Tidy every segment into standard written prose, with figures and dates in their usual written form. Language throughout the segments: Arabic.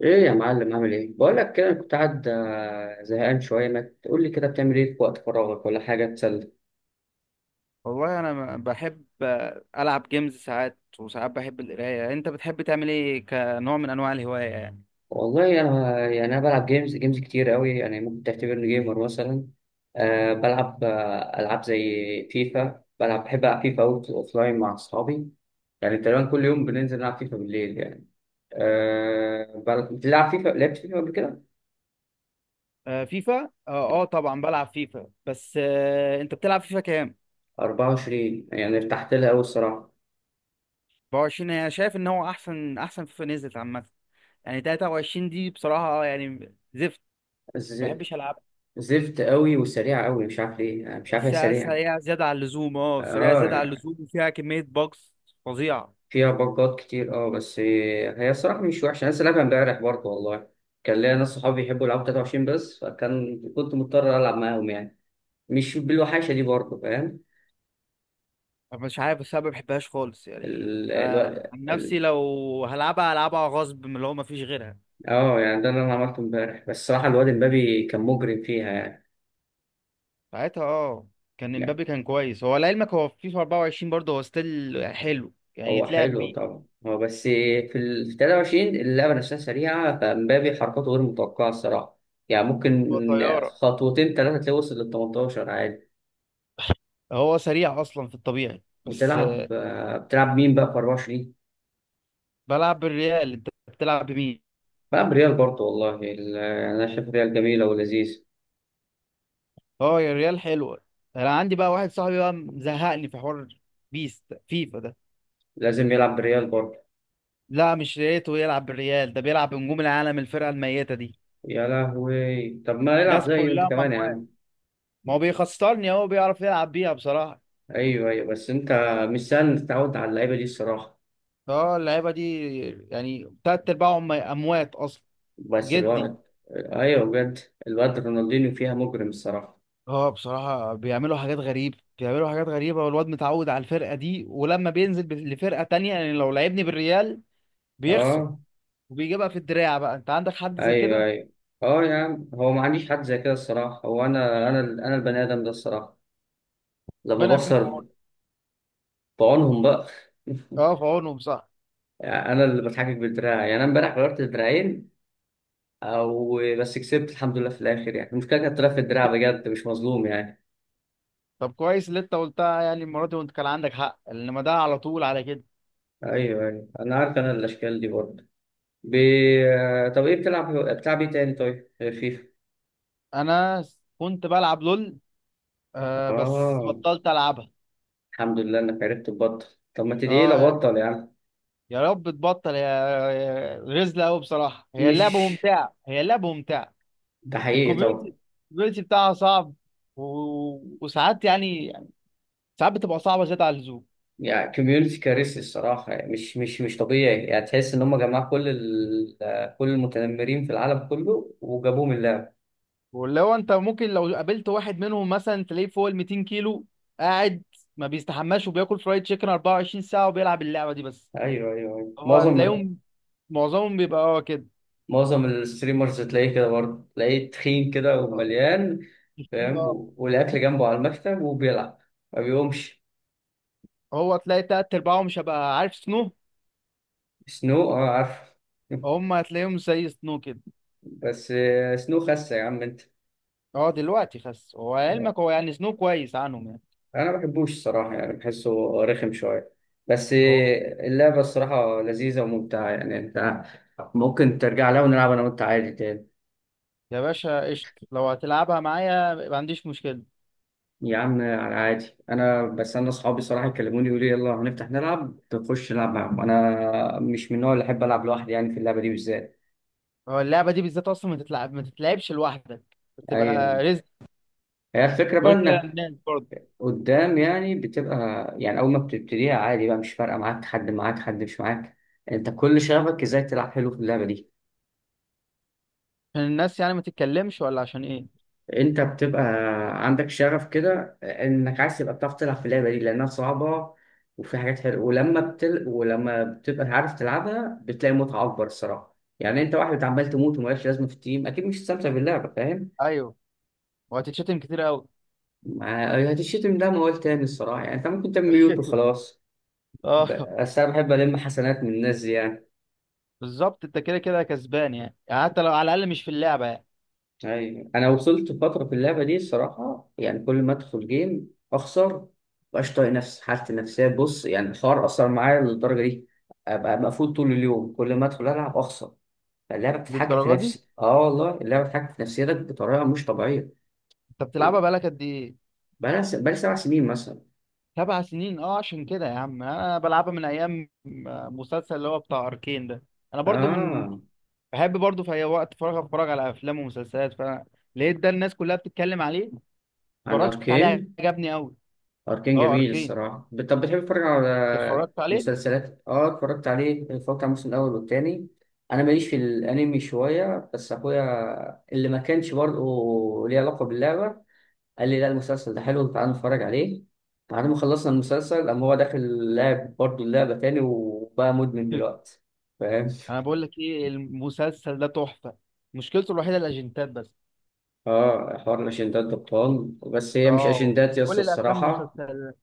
ايه يا معلم، عامل ايه؟ بقول لك كده، أنا كنت قاعد زهقان شويه. ما تقول لي كده بتعمل ايه في وقت فراغك، ولا حاجه تسلى. والله انا بحب العب جيمز ساعات وساعات، بحب القرايه. انت بتحب تعمل ايه كنوع من انواع الهوايه يعني؟ والله انا بلعب جيمز كتير قوي، يعني ممكن تعتبرني جيمر مثلا. بلعب العاب زي فيفا. بلعب، بحب العب فيفا اوت اوف لاين مع اصحابي. يعني تقريبا كل يوم بننزل نلعب فيفا بالليل يعني. بتلعب فيفا؟ لعبت فيفا قبل كده؟ آه فيفا آه طبعا بلعب فيفا، بس انت بتلعب فيفا كام؟ 24، يعني ارتحت لها قوي الصراحه. 24 انا شايف ان هو احسن فيفا نزلت عامه. يعني 23 دي بصراحه يعني زفت، ما ز- بحبش العب. زفت قوي وسريعه قوي، مش عارف ليه، يعني مش عارف، هي بحسها سريعه. سريعه زياده عن اللزوم، اه سريعه زياده عن اه، اللزوم، وفيها كميه باجز فظيعه. فيها بجات كتير، اه. بس هي الصراحة مش وحشة، أنا لسه لعبها امبارح برضه والله. كان ليا ناس صحابي بيحبوا يلعبوا 23 بس، فكان كنت مضطر ألعب معاهم يعني. مش بالوحشة دي برضه، فاهم؟ أنا مش عارف بس انا ما بحبهاش خالص، يعني ال... الو... انا عن نفسي ال... لو هلعبها هلعبها غصب من اللي هو ما فيش غيرها. اه يعني ده اللي أنا عملته امبارح. بس الصراحة الواد امبابي كان مجرم فيها يعني. ساعتها اه كان امبابي يعني كان كويس، هو لعلمك هو في فيفا 24 برضه هو ستيل حلو يعني هو يتلعب حلو بيه. طبعا، هو بس في 23 اللعبة نفسها سريعة، فامبابي حركاته غير متوقعة الصراحة. يعني ممكن هو طيارة، خطوتين ثلاثة تلاقيه وصل لل 18 عادي. هو سريع اصلا في الطبيعي بس بتلعب بتلعب مين بقى في 24؟ بلعب بالريال، انت بتلعب بمين؟ بلعب ريال برضه والله. انا شايف ريال جميله ولذيذ. اه يا الريال حلوة. انا عندي بقى واحد صاحبي بقى مزهقني في حوار بيست فيفا ده. لازم يلعب ريال برضه. لا مش ريته يلعب بالريال، ده بيلعب بنجوم العالم الفرقة الميتة دي. يا لهوي، طب ما يلعب ناس زي انت كلها كمان يا مموات، عم. ما هو بيخسرني، هو بيعرف يلعب بيها بصراحة. ايوه ايوه، بس انت مش سهل تتعود على اللعيبه دي الصراحه. اه اللعيبة دي يعني تلات ارباعهم اموات اصلا. بس جدي. الواد، ايوه بجد، الواد رونالدينيو فيها مجرم الصراحه. اه بصراحة بيعملوا حاجات غريبة بيعملوا حاجات غريبة، والواد متعود على الفرقة دي، ولما بينزل لفرقة تانية يعني لو لعبني بالريال بيخسر. اه. وبيجيبها في الدراع. بقى انت عندك حد زي ايوه كده؟ ايوه. اه يا عم، هو ما عنديش حد زي كده الصراحه، هو انا البني ادم ده الصراحه لما ربنا يكون في بخسر. عونه. بعونهم بقى. اه في عونهم، صح. انا اللي بتحجج بالدراع، يعني انا امبارح غيرت الدراعين. او بس كسبت الحمد لله في الاخر يعني. المشكله كانت طلعت في الدراع بجد، مش مظلوم يعني. طب كويس اللي انت قلتها يعني المرة دي وانت كان عندك حق، انما ده على طول على كده. ايوه ايوه، انا عارف انا الاشكال دي برضه. ب... طب ايه بتلعب؟ بتلعب ايه تاني طيب غير فيفا؟ انا كنت بلعب لول، آه بس اه، بطلت العبها. الحمد لله انك عرفت تبطل. طب ما تدعي لي اه ابطل يعني. يا رب تبطل غزلة قوي بصراحة، هي اللعبة مش، ممتعة هي اللعبة ممتعة. ده حقيقي طبعا. الكوميونتي الكوميونتي بتاعها صعب، و... وساعات يعني ساعات بتبقى صعبه زياده على اللزوم. يعني كوميونتي كارثي الصراحه، يعني مش طبيعي. يعني تحس ان هم جمعوا كل المتنمرين في العالم كله وجابوهم اللعب. واللي هو انت ممكن لو قابلت واحد منهم مثلا تلاقيه فوق ال 200 كيلو قاعد، ما بيستحماش وبياكل فرايد تشيكن 24 ساعه وبيلعب اللعبه دي بس. ايوه ايوه ايوه، هو معظم، تلاقيهم معظمهم بيبقى اه كده. معظم الستريمرز تلاقيه كده برضه، تلاقيه تخين كده ومليان، تخين، فاهم؟ اه. والأكل جنبه على المكتب وبيلعب، ما بيقومش. هو تلاقي تلات ارباعهم، مش هبقى عارف سنو. سنو، اه عارف. هم هتلاقيهم زي سنو كده. بس سنو خسة يا عم انت. اه دلوقتي خس، هو علمك هو يعني سنو كويس عنهم يعني. انا ما بحبوش الصراحة، يعني بحسه رخم شوية. بس هو اللعبة الصراحة لذيذة وممتعة، يعني انت ممكن ترجع لها ونلعب انا وانت عادي تاني. يا باشا قشط لو هتلعبها معايا ما عنديش مشكله. يا عم انا عادي، انا بس انا اصحابي صراحه يكلموني يقولوا لي يلا هنفتح نلعب، تخش نلعب معاهم. انا مش من النوع اللي احب العب لوحدي، يعني في اللعبه دي بالذات. هو اللعبة دي بالذات أصلا ما تتلعبش لوحدك، ايوه. بتبقى رزق. هي الفكره بقى غير كده انك الناس برضه، قدام يعني بتبقى، يعني اول ما بتبتديها عادي بقى مش فارقه معاك حد معاك حد مش معاك. انت كل شغفك ازاي تلعب حلو في اللعبه دي. عشان الناس يعني ما تتكلمش، ولا عشان إيه. انت بتبقى عندك شغف كده، انك عايز تبقى بتعرف تلعب في اللعبه دي لانها صعبه وفي حاجات حلوه. ولما بتبقى عارف تلعبها بتلاقي متعه اكبر الصراحه، يعني انت واحد عمال تموت ومالكش لازمه في التيم، اكيد مش هتستمتع باللعبه، فاهم؟ أيوه، وهتتشتم كتير قوي. هتشتم ده ما قلت تاني الصراحه، يعني انت ممكن تعمل ميوت وخلاص. اه بس انا بحب الم حسنات من الناس دي يعني. بالظبط أنت كده كده كسبان، يعني. يعني حتى لو على الأقل مش في اللعبة يعني. ايوه، انا وصلت فتره في اللعبه دي الصراحه، يعني كل ما ادخل جيم اخسر. مبقاش طايق نفسي، حالتي النفسيه، بص يعني الحوار اثر معايا للدرجه دي. ابقى مقفول طول اليوم، كل ما ادخل العب اخسر. اللعبه بتتحكم في للدرجة دي نفسي، اه والله اللعبه بتتحكم في نفسيتك بطريقه مش طبيعيه. أنت بتلعبها بقالك قد إيه؟ بقالي 7 سنين مثلا. سبع سنين، أه عشان كده يا عم أنا بلعبها من أيام مسلسل اللي هو بتاع أركين ده. أنا برضو من اه. بحب برضو في أي وقت فراغ أتفرج على أفلام ومسلسلات، فلقيت ده الناس كلها بتتكلم عليه، عن اتفرجت عليه اركين. عجبني قوي. أركين اه جميل اركين، الصراحة. طب بتحب تتفرج انت على اتفرجت عليه؟ مسلسلات؟ اه اتفرجت عليه، اتفرجت على الموسم الأول والتاني. أنا ماليش في الأنمي شوية، بس أخويا اللي ما كانش برضه ليه علاقة باللعبة قال لي لا المسلسل ده حلو تعالى نتفرج عليه. بعد ما خلصنا المسلسل قام هو داخل لعب برضه اللعبة تاني، وبقى مدمن دلوقتي. فاهم؟ انا بقول لك ايه، المسلسل ده تحفه، مشكلته الوحيده الاجنتات بس. اه، حوار الأشندات ده بطال، بس هي مش اه أشندات يا اسطى كل الافلام الصراحة. والمسلسلات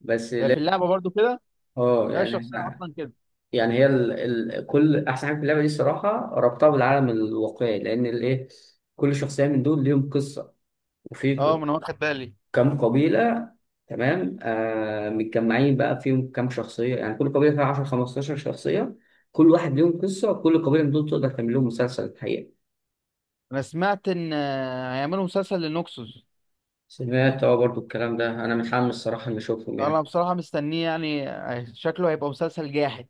بس هي لا. في اللعبه برضو كده، اه هي يعني. الشخصيه اصلا كده. يعني كل احسن حاجه في اللعبه دي الصراحه ربطها بالعالم الواقعي، لان الايه، كل شخصيه من دول ليهم قصه. اه وفي ما انا واخد بالي. كم قبيله، تمام، متجمعين بقى فيهم كم شخصيه، يعني كل قبيله فيها 10 15 شخصيه، كل واحد ليهم قصه. وكل قبيله من دول تقدر تعمل لهم مسلسل الحقيقه. انا سمعت ان هيعملوا مسلسل لنوكسوس. سمعت اه برضو الكلام ده، انا متحمس الصراحه اني اشوفهم انا يعني. بصراحه مستنيه يعني شكله هيبقى مسلسل جاحد.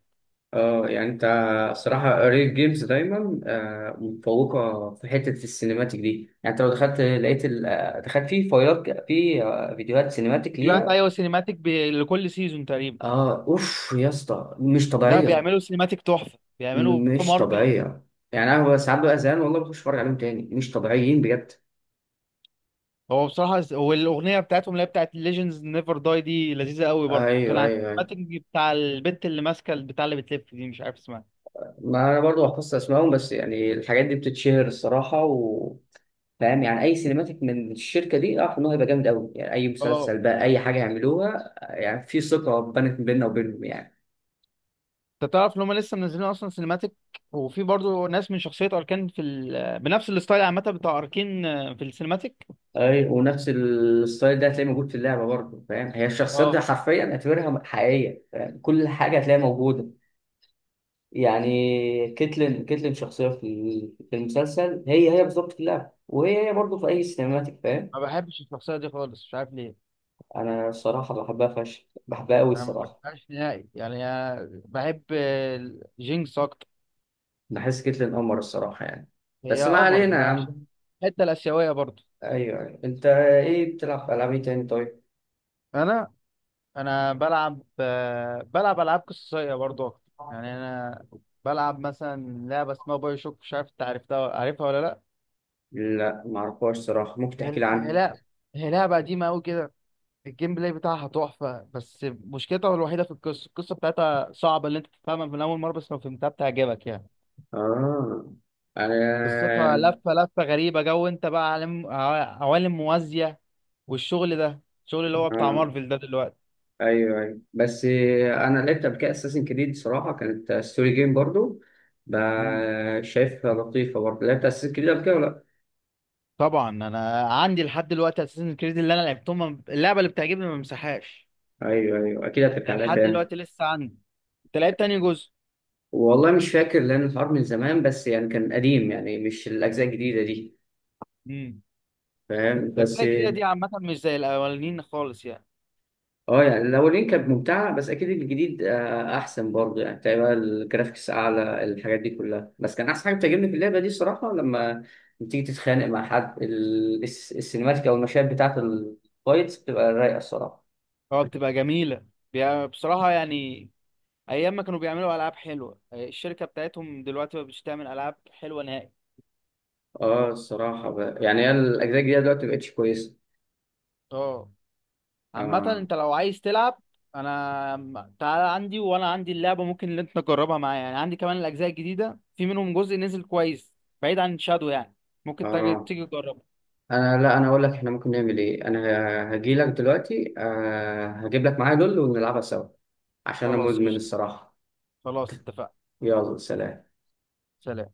اه يعني انت، الصراحة ريل جيمز دايما متفوقة في حتة السينماتيك دي. يعني انت لو دخلت لقيت دخلت في فايلات ك- في آه، فيديوهات سينماتيك فيديوهات ليها. ايوه سينيماتيك، لكل سيزون تقريبا. اه اوف يا اسطى مش لا طبيعية. بيعملوا سينيماتيك تحفه، بيعملوا مش مارفل. طبيعية. يعني انا ببقى ساعات بقى زهقان والله بخش اتفرج عليهم تاني، مش طبيعيين بجد. هو بصراحة والأغنية بتاعتهم اللي هي بتاعت Legends Never Die دي لذيذة قوي برضو، كان ايوه على ايوه ايوه. السينماتيك بتاع البنت اللي ماسكة البتاع اللي بتلف دي، مش عارف اسمها. ما انا برضو حفظت اسمائهم، بس يعني الحاجات دي بتتشهر الصراحة. فاهم؟ يعني اي سينماتيك من الشركه دي اعرف ان هو هيبقى جامد قوي، يعني اي اه مسلسل بقى اي حاجه يعملوها، يعني في ثقه بنت بيننا وبينهم يعني. انت تعرف ان هم لسه منزلين اصلا سينماتيك، وفي برضو ناس من شخصية اركان في بنفس الستايل عامة بتاع اركين في السينماتيك. ايوه، ونفس الستايل ده هتلاقيه موجود في اللعبه برضه، فاهم؟ هي الشخصيات دي اه حرفيا اعتبرها حقيقيه، فاهم؟ كل حاجه هتلاقيها موجوده. يعني كيتلين شخصيه في المسلسل، هي هي بالظبط في اللعبه، وهي هي برضه في اي سينماتيك، فاهم؟ ما بحبش الشخصية دي خالص، مش عارف ليه. انا الصراحه بحبها فشخ، بحبها قوي انا ما الصراحه. بحبهاش نهائي، يعني أنا بحب جينكس اكتر. بحس كيتلين قمر الصراحه يعني. هي بس ما قمر علينا هي يا عم. عشان الحتة الآسيوية برضو. ايوه ايوه، انت ايه بتلعب في العاب ايه تاني طيب؟ انا انا بلعب بلعب العاب قصصيه برضو اكتر، يعني انا بلعب مثلا لعبه اسمها باي شوك، مش عارف انت عرفتها عارفها ولا لا. لا معرفهاش صراحة، ممكن هي تحكي لي هي عنها؟ لا، هي لعبه قديمه قوي كده، الجيم بلاي بتاعها تحفه، بس مشكلتها الوحيده في القصه، بتاعتها صعبه اللي انت تفهمها من اول مره، بس لو فهمتها بتعجبك يعني. اه، انا قصتها لفه لفه غريبه جو، انت بقى عالم عوالم موازيه، والشغل ده الشغل اللي هو بتاع آه. مارفل ده دلوقتي. ايوه ايوه، بس انا لعبت قبل كده اساسن كريد صراحة، كانت ستوري جيم برضو. شايفها لطيفة برضو. لعبت اساسن كريد قبل كده ولا لا؟ طبعا انا عندي لحد دلوقتي اساسن كريد اللي انا لعبتهم، اللعبه اللي بتعجبني ما مسحهاش، ايوه ايوه، اكيد هترجع لها لحد تاني. دلوقتي لسه عندي. انت لعبت تاني جزء؟ والله مش فاكر، لان الحوار من زمان بس، يعني كان قديم يعني مش الاجزاء الجديدة دي. امم فاهم؟ الاجزاء بس الجديده دي عامه مش زي الاولانيين خالص يعني. اه، يعني الاولين كانت ممتعه، بس اكيد الجديد احسن برضه يعني، تقريبا الجرافيكس اعلى الحاجات دي كلها. بس كان احسن حاجه بتعجبني في اللعبه دي الصراحه لما بتيجي تتخانق مع حد، السينماتيك او المشاهد بتاعه الفايتس بتبقى رايقه الصراحه. اه بتبقى جميله، بصراحه يعني ايام ما كانوا بيعملوا العاب حلوه، الشركه بتاعتهم دلوقتي ما بتش تعمل العاب حلوه نهائي. اه الصراحه بقى، يعني هي الاجزاء الجديده دلوقتي مبقتش كويسه. اه عامة اه. انت لو عايز تلعب، تعالى عندي وانا عندي اللعبة ممكن اللي انت تجربها معايا، يعني عندي كمان الاجزاء الجديدة، في منهم جزء نزل كويس بعيد عن شادو يعني. ممكن اه تيجي تجربه. انا لا، انا اقول لك احنا ممكن نعمل ايه، انا هجي لك دلوقتي هجيب لك معايا دول ونلعبها سوا، عشان انا خلاص مدمن قشطة، الصراحه. خلاص اتفقنا. يلا سلام. سلام.